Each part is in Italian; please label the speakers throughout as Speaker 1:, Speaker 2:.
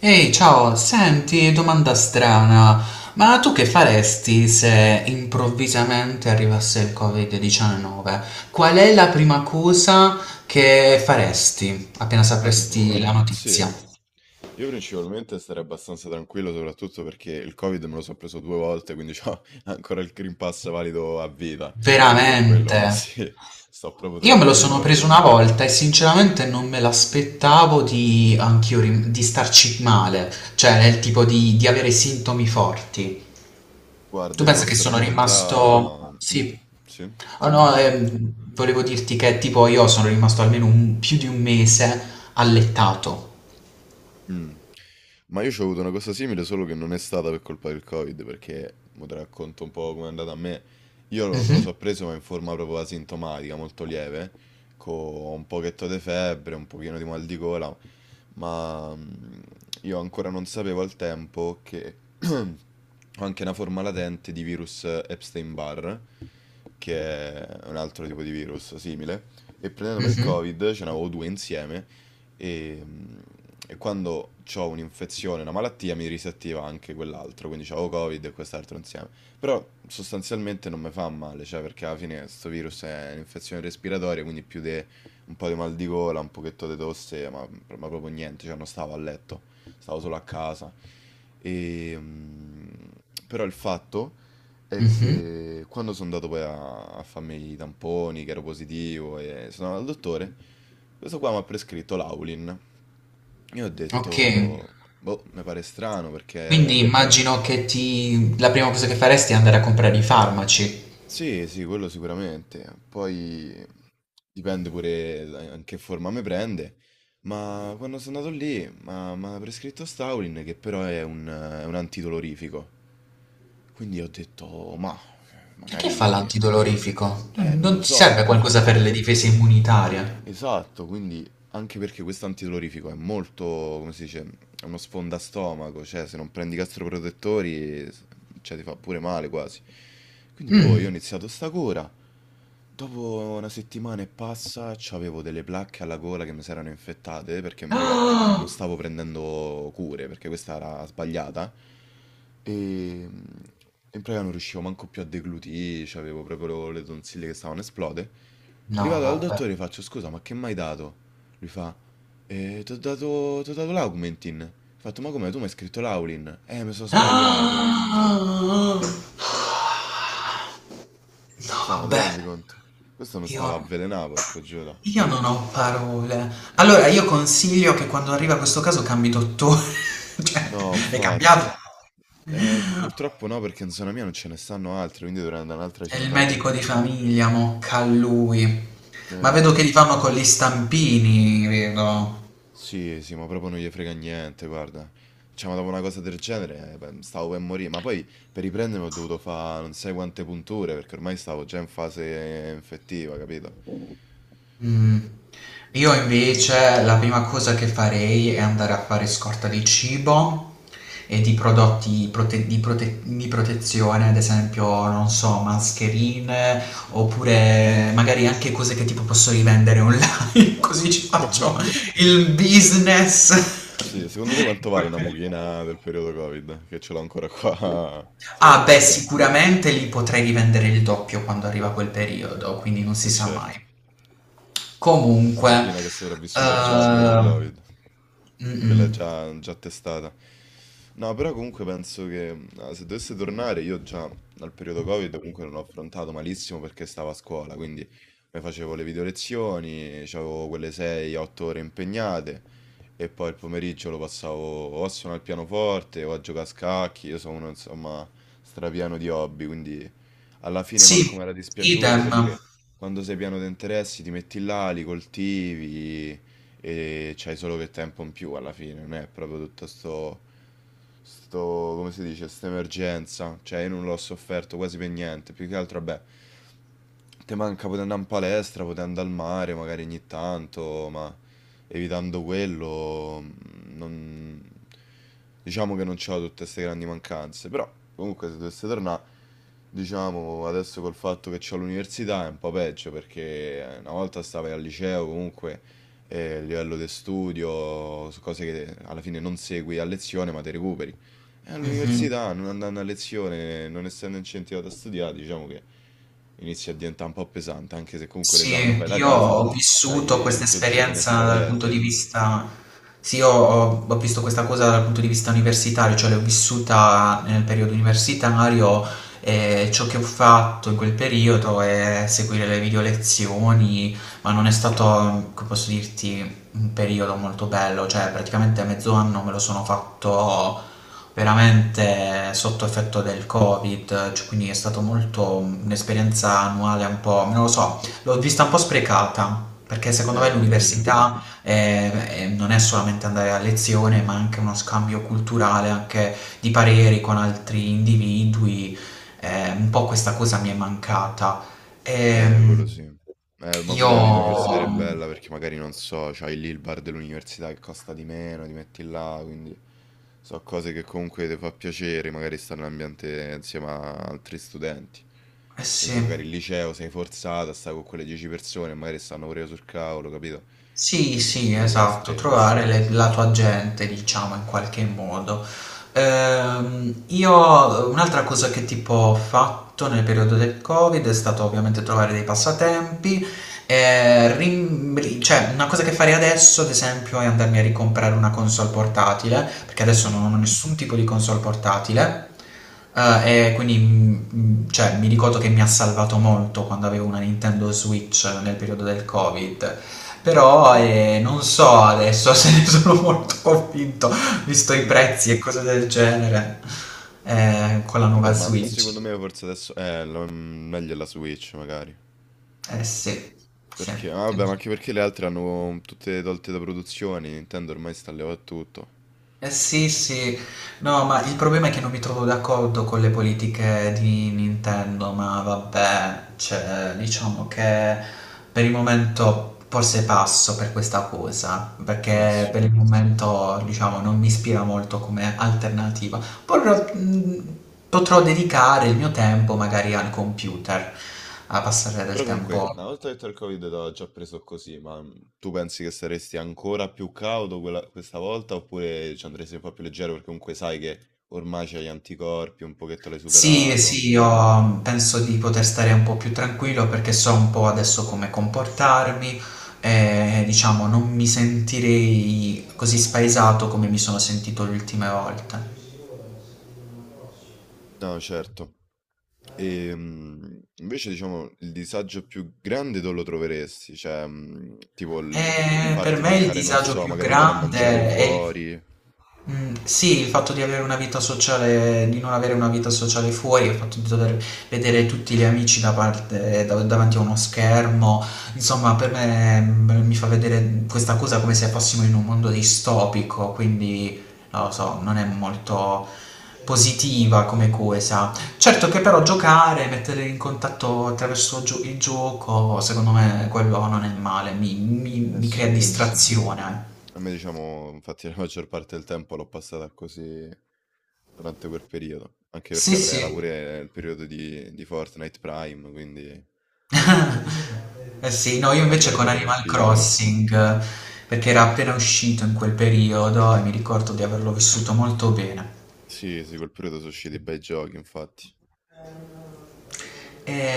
Speaker 1: Ehi, ciao, senti, domanda strana, ma tu che faresti se improvvisamente arrivasse il Covid-19? Qual è la prima cosa che faresti appena sapresti la
Speaker 2: Allora, sì,
Speaker 1: notizia?
Speaker 2: io principalmente starei abbastanza tranquillo, soprattutto perché il Covid me lo sono preso due volte, quindi ho ancora il Green Pass valido a vita. Quindi con
Speaker 1: Veramente?
Speaker 2: quello, sì, sto proprio
Speaker 1: Io me lo sono
Speaker 2: tranquillo.
Speaker 1: preso una volta e sinceramente non me l'aspettavo di, di starci male, cioè nel tipo di avere sintomi forti.
Speaker 2: Guarda,
Speaker 1: Tu
Speaker 2: io ti
Speaker 1: pensa che
Speaker 2: posso
Speaker 1: sono rimasto...
Speaker 2: raccontare... Mm?
Speaker 1: Sì.
Speaker 2: Sì?
Speaker 1: Ah, no,
Speaker 2: Ah,
Speaker 1: Volevo dirti che tipo io sono rimasto più di un mese allettato.
Speaker 2: Mh. Ma io c'ho avuto una cosa simile, solo che non è stata per colpa del Covid, perché mo te racconto un po' com'è andata a me. Io lo me lo
Speaker 1: Mhm,
Speaker 2: so preso, ma in forma proprio asintomatica, molto lieve, co' un pochetto di febbre, un pochino di mal di gola, ma, mhmm, io ancora non sapevo al tempo che ho anche una forma latente di virus Epstein-Barr, che è un altro tipo di virus simile, e prendendomi il
Speaker 1: mhm,
Speaker 2: Covid, ce n'avevo 2 insieme, e, mm, e quando ho un'infezione, una malattia, mi risettiva anche quell'altro, quindi c'avevo Covid e quest'altro insieme. Però sostanzialmente non mi fa male, cioè perché alla fine questo virus è un'infezione respiratoria, quindi più di un po' di mal di gola, un pochetto di tosse, ma proprio niente, cioè non stavo a letto, stavo solo a casa. E, mm, però il fatto è
Speaker 1: mhm.
Speaker 2: che quando sono andato poi a farmi i tamponi, che ero positivo, e sono andato al dottore, questo qua mi ha prescritto l'Aulin. Io ho
Speaker 1: Ok.
Speaker 2: detto, boh, mi pare strano
Speaker 1: Quindi
Speaker 2: perché...
Speaker 1: immagino che ti... la prima cosa che faresti è andare a comprare i farmaci.
Speaker 2: Sì, sì, quello sicuramente. Poi in che forma mi prende. Ma quando sono andato lì, mi ha prescritto Staulin che però è è un antidolorifico. Quindi ho detto, "Oh, ma
Speaker 1: E che fa
Speaker 2: magari...
Speaker 1: l'antidolorifico? Non,
Speaker 2: Non
Speaker 1: non
Speaker 2: lo
Speaker 1: ti
Speaker 2: so.
Speaker 1: serve qualcosa per
Speaker 2: Infatti
Speaker 1: le difese immunitarie?
Speaker 2: esatto, quindi anche perché questo antidolorifico è molto, come si dice, è uno sfondastomaco, cioè se non prendi i gastroprotettori, cioè ti fa pure male quasi. Quindi boh, io ho
Speaker 1: Mm.
Speaker 2: iniziato sta cura. Dopo una settimana e passa, avevo delle placche alla gola che mi si erano infettate perché, prega, non
Speaker 1: Ah!
Speaker 2: stavo prendendo cure perché questa era sbagliata. E mm, in pratica non riuscivo manco più a deglutire, avevo proprio le tonsille che stavano a esplode.
Speaker 1: No,
Speaker 2: Arrivato dal
Speaker 1: vabbè.
Speaker 2: dottore faccio, scusa, ma che m'hai dato? Lui fa, t'ho dato l'Augmentin. Ho fatto, ma come, tu mi hai scritto l'Aulin? Mi sono sbagliato.
Speaker 1: Ah! No,
Speaker 2: Cioè, ma ti
Speaker 1: vabbè.
Speaker 2: rendi conto? Questo mi
Speaker 1: Io
Speaker 2: stava avvelenato, porco Giuda.
Speaker 1: io non ho parole. Allora, io consiglio che quando arriva questo caso cambi dottore. Cioè,
Speaker 2: No,
Speaker 1: è
Speaker 2: infatti,
Speaker 1: cambiato?
Speaker 2: ma... purtroppo no, perché in zona mia non ce ne stanno altri, quindi dovrei andare in un'altra
Speaker 1: È il
Speaker 2: città.
Speaker 1: medico di famiglia, mocca a lui. Ma
Speaker 2: Eh...
Speaker 1: vedo che li fanno con gli stampini, vedo.
Speaker 2: Sì, sì, ma proprio non gli frega niente, guarda. Cioè, ma dopo una cosa del genere, beh, stavo per morire. Ma poi per riprendermi ho dovuto fare non sai quante punture, perché ormai stavo già in fase infettiva, capito?
Speaker 1: Mh. Io invece la prima cosa che farei è andare a fare scorta di cibo e di prodotti prote di protezione, ad esempio, non so, mascherine, oppure magari anche cose che tipo posso rivendere online, così ci faccio il business.
Speaker 2: Sì, secondo te quanto vale una mucchina del periodo Covid? Che ce l'ho ancora qua sulla
Speaker 1: Ah beh,
Speaker 2: scrivania.
Speaker 1: sicuramente lì potrei rivendere il doppio quando arriva quel periodo, quindi non si
Speaker 2: Eh
Speaker 1: sa mai.
Speaker 2: certo, la
Speaker 1: Comunque, beh,
Speaker 2: mucchina che è sopravvissuta già al primo
Speaker 1: considera.
Speaker 2: Covid.
Speaker 1: ehm, mm,
Speaker 2: Quella è
Speaker 1: mm.
Speaker 2: già, già testata. No, però comunque penso che ah, se dovesse tornare, io già dal periodo Covid comunque non ho affrontato malissimo perché stavo a scuola, quindi mi facevo le video lezioni, avevo quelle 6-8 ore impegnate e poi il pomeriggio lo passavo o a suonare il pianoforte o a giocare a scacchi, io sono uno insomma strapieno di hobby, quindi alla fine manco
Speaker 1: Sì,
Speaker 2: mi era dispiaciuto
Speaker 1: idem.
Speaker 2: perché quando sei pieno di interessi ti metti là, li coltivi e c'hai solo che tempo in più alla fine, non è proprio tutto sto, come si dice, questa emergenza, cioè io non l'ho sofferto quasi per niente, più che altro, vabbè, te manca poter andare in palestra, poter andare al mare magari ogni tanto, ma evitando quello, non... diciamo che non c'ho tutte queste grandi mancanze, però comunque se dovesse tornare, diciamo, adesso col fatto che c'ho l'università è un po' peggio, perché una volta stavi al liceo comunque a livello di studio, su cose che alla fine non segui a lezione ma te recuperi. E
Speaker 1: Mhm.
Speaker 2: all'università, non andando a lezione, non essendo incentivato a studiare, diciamo che inizia a diventare un po' pesante, anche se comunque l'esame lo
Speaker 1: Sì,
Speaker 2: fai da
Speaker 1: io
Speaker 2: casa,
Speaker 1: ho vissuto
Speaker 2: c'hai
Speaker 1: questa
Speaker 2: 12 finestre
Speaker 1: esperienza dal punto di
Speaker 2: aperte.
Speaker 1: vista, sì, ho visto questa cosa dal punto di vista universitario, cioè l'ho vissuta nel periodo universitario e ciò che ho fatto in quel periodo è seguire le video lezioni, ma non è stato, come posso dirti, un periodo molto bello, cioè praticamente mezzo anno me lo sono fatto veramente sotto effetto del Covid, cioè, quindi è stato molto un'esperienza annuale un po', non lo so, l'ho vista un po' sprecata, perché secondo me
Speaker 2: Quello sì.
Speaker 1: l'università non è solamente andare a lezione, ma anche uno scambio culturale, anche di pareri con altri individui. Un po' questa cosa mi è mancata.
Speaker 2: Quello
Speaker 1: Ehm,
Speaker 2: sì.
Speaker 1: Certo,
Speaker 2: Ma
Speaker 1: io...
Speaker 2: pure la vita universitaria
Speaker 1: quello
Speaker 2: è
Speaker 1: è
Speaker 2: bella perché
Speaker 1: vero.
Speaker 2: magari non so, c'hai lì il bar dell'università che costa di meno, ti metti là, quindi so cose che comunque ti fa piacere, magari stare in un ambiente insieme a altri studenti.
Speaker 1: Eh
Speaker 2: Invece
Speaker 1: sì.
Speaker 2: magari il liceo sei forzato a stare con quelle 10 persone, magari stanno pure sul cavolo, capito? È
Speaker 1: Sì,
Speaker 2: un po'
Speaker 1: sì,
Speaker 2: più
Speaker 1: esatto,
Speaker 2: ristretto.
Speaker 1: trovare la tua gente, diciamo, in qualche modo. Io un'altra cosa che tipo ho fatto nel periodo del Covid è stato ovviamente trovare dei passatempi. Cioè, una cosa che farei adesso, ad esempio, è andarmi a ricomprare una console portatile, perché adesso
Speaker 2: Mm.
Speaker 1: non ho nessun tipo di console portatile. E quindi cioè, mi ricordo che mi ha salvato molto quando avevo una Nintendo Switch nel periodo del Covid. Però non so adesso se ne sono molto convinto, visto i
Speaker 2: Mm.
Speaker 1: prezzi e cose del genere, con la nuova
Speaker 2: Vabbè, ma secondo
Speaker 1: Switch.
Speaker 2: me forse adesso meglio è la Switch, magari.
Speaker 1: Eh sì, sì.
Speaker 2: Perché? Vabbè, ma
Speaker 1: Sì.
Speaker 2: anche perché le altre hanno mm, tutte tolte da produzioni, Nintendo ormai sta levando tutto.
Speaker 1: Eh sì, sì, no, ma il problema è che non mi trovo d'accordo con le politiche di Nintendo, ma vabbè, cioè, diciamo che per il momento forse passo per questa cosa,
Speaker 2: Eh
Speaker 1: perché
Speaker 2: sì.
Speaker 1: per il momento, diciamo, non mi ispira molto come alternativa. Potrò, mh, Potrò dedicare il mio tempo magari al computer, a passare del
Speaker 2: Però comunque,
Speaker 1: tempo.
Speaker 2: una volta detto il Covid l'ho già preso così, tu pensi che saresti ancora più cauto questa volta oppure ci andresti un po' più leggero perché comunque sai che ormai c'hai gli anticorpi, un pochetto l'hai
Speaker 1: Sì,
Speaker 2: superato.
Speaker 1: sì, io penso di poter stare un po' più tranquillo perché so un po' adesso come comportarmi e diciamo non mi sentirei così spaesato come mi sono sentito le ultime volte.
Speaker 2: No, certo. E mm, invece diciamo il disagio più grande dove lo troveresti? Cioè, mm, tipo il
Speaker 1: E per
Speaker 2: farti
Speaker 1: me il
Speaker 2: mancare, non
Speaker 1: disagio
Speaker 2: so,
Speaker 1: più
Speaker 2: magari andare a mangiare
Speaker 1: grande è il
Speaker 2: fuori.
Speaker 1: mhmm, sì, il fatto di avere una vita sociale, di non avere una vita sociale fuori, il fatto di dover vedere tutti gli amici da davanti a uno schermo, insomma per me, mhmm, mi fa vedere questa cosa come se fossimo in un mondo distopico, quindi non lo so, non è molto positiva come cosa. Certo che però giocare, mettere in contatto attraverso gio il gioco, secondo me quello non è male, mi mi
Speaker 2: Eh
Speaker 1: mi crea Dici?
Speaker 2: sì, mhmm,
Speaker 1: Distrazione.
Speaker 2: a me diciamo infatti la maggior parte del tempo l'ho passata così durante quel periodo, anche
Speaker 1: Sì,
Speaker 2: perché vabbè era
Speaker 1: sì.
Speaker 2: pure il periodo di Fortnite Prime, quindi
Speaker 1: Eh sì, no, io
Speaker 2: quando
Speaker 1: invece
Speaker 2: era
Speaker 1: con
Speaker 2: proprio nel
Speaker 1: Animal
Speaker 2: picco.
Speaker 1: Crossing, perché era appena uscito in quel periodo e mi ricordo di averlo vissuto molto bene.
Speaker 2: Sì, sì, quel periodo so' usciti bei giochi infatti.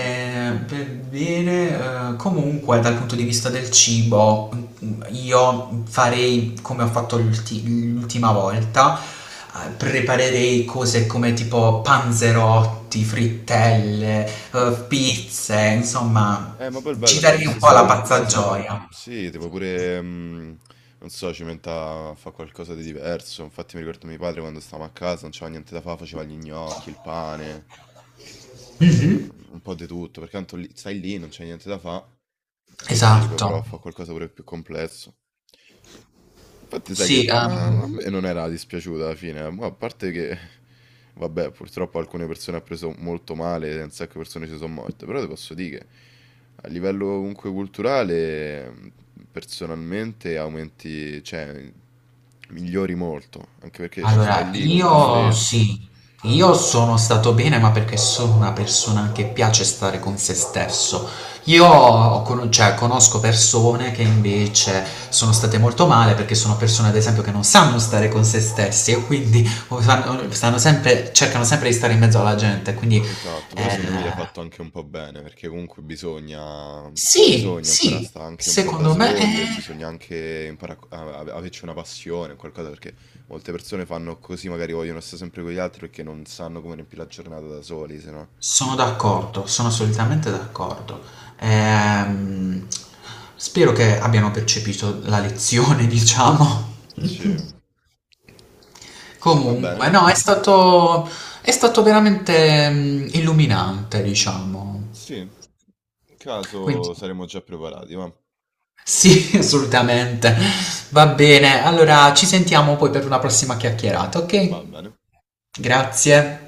Speaker 2: Mh.
Speaker 1: Per bene, comunque dal punto di vista del cibo, mm, io farei come ho fatto l'ultima volta, preparerei cose come tipo panzerotti, frittelle, pizze, insomma,
Speaker 2: Ma poi il bello
Speaker 1: ci
Speaker 2: è che
Speaker 1: darei
Speaker 2: visto
Speaker 1: un
Speaker 2: che
Speaker 1: po'
Speaker 2: stai
Speaker 1: la
Speaker 2: pure a
Speaker 1: Buono,
Speaker 2: casa,
Speaker 1: pazzagioia.
Speaker 2: sì, tipo pure, non so, ci metta a fare qualcosa di diverso. Infatti mi ricordo mio padre quando stavamo a casa, non c'era niente da fare, faceva gli gnocchi, il pane, un po' di tutto, perché tanto stai lì, non c'è niente da fare, quindi poi
Speaker 1: Esatto.
Speaker 2: prova a fare qualcosa pure più complesso. Infatti sai
Speaker 1: Sì,
Speaker 2: che ma a me non era dispiaciuta alla fine, ma a parte che vabbè, purtroppo alcune persone ha preso molto male, un sacco di persone ci sono morte, però ti posso dire che a livello comunque culturale personalmente aumenti, cioè migliori molto, anche perché stai
Speaker 1: allora
Speaker 2: lì con te
Speaker 1: io
Speaker 2: stesso,
Speaker 1: sì, io sono stato bene, ma perché sono una persona che piace stare con se stesso. Io cioè, conosco persone che invece sono state molto male perché sono persone, ad esempio, che non sanno stare con se stessi e quindi stanno sempre, cercano sempre di stare in mezzo alla gente. Quindi
Speaker 2: esatto, però
Speaker 1: eh,
Speaker 2: secondo me gli ha fatto anche un po' bene, perché comunque bisogna,
Speaker 1: sì,
Speaker 2: bisogna imparare a
Speaker 1: sì,
Speaker 2: stare anche un po' da
Speaker 1: secondo me
Speaker 2: soli
Speaker 1: è.
Speaker 2: e bisogna anche imparare averci una passione, qualcosa, perché molte persone fanno così, magari vogliono stare sempre con gli altri perché non sanno come riempire la giornata da soli, se no.
Speaker 1: Sono d'accordo, sono assolutamente d'accordo. Ehm, Spero che abbiano percepito la lezione, diciamo.
Speaker 2: Sì, va
Speaker 1: Comunque,
Speaker 2: bene,
Speaker 1: no, è stato veramente illuminante, diciamo.
Speaker 2: sì, in
Speaker 1: Quindi,
Speaker 2: caso saremo già preparati, va,
Speaker 1: sì, assolutamente. Va bene, allora ci sentiamo poi per una prossima chiacchierata, ok?
Speaker 2: va bene.
Speaker 1: Grazie.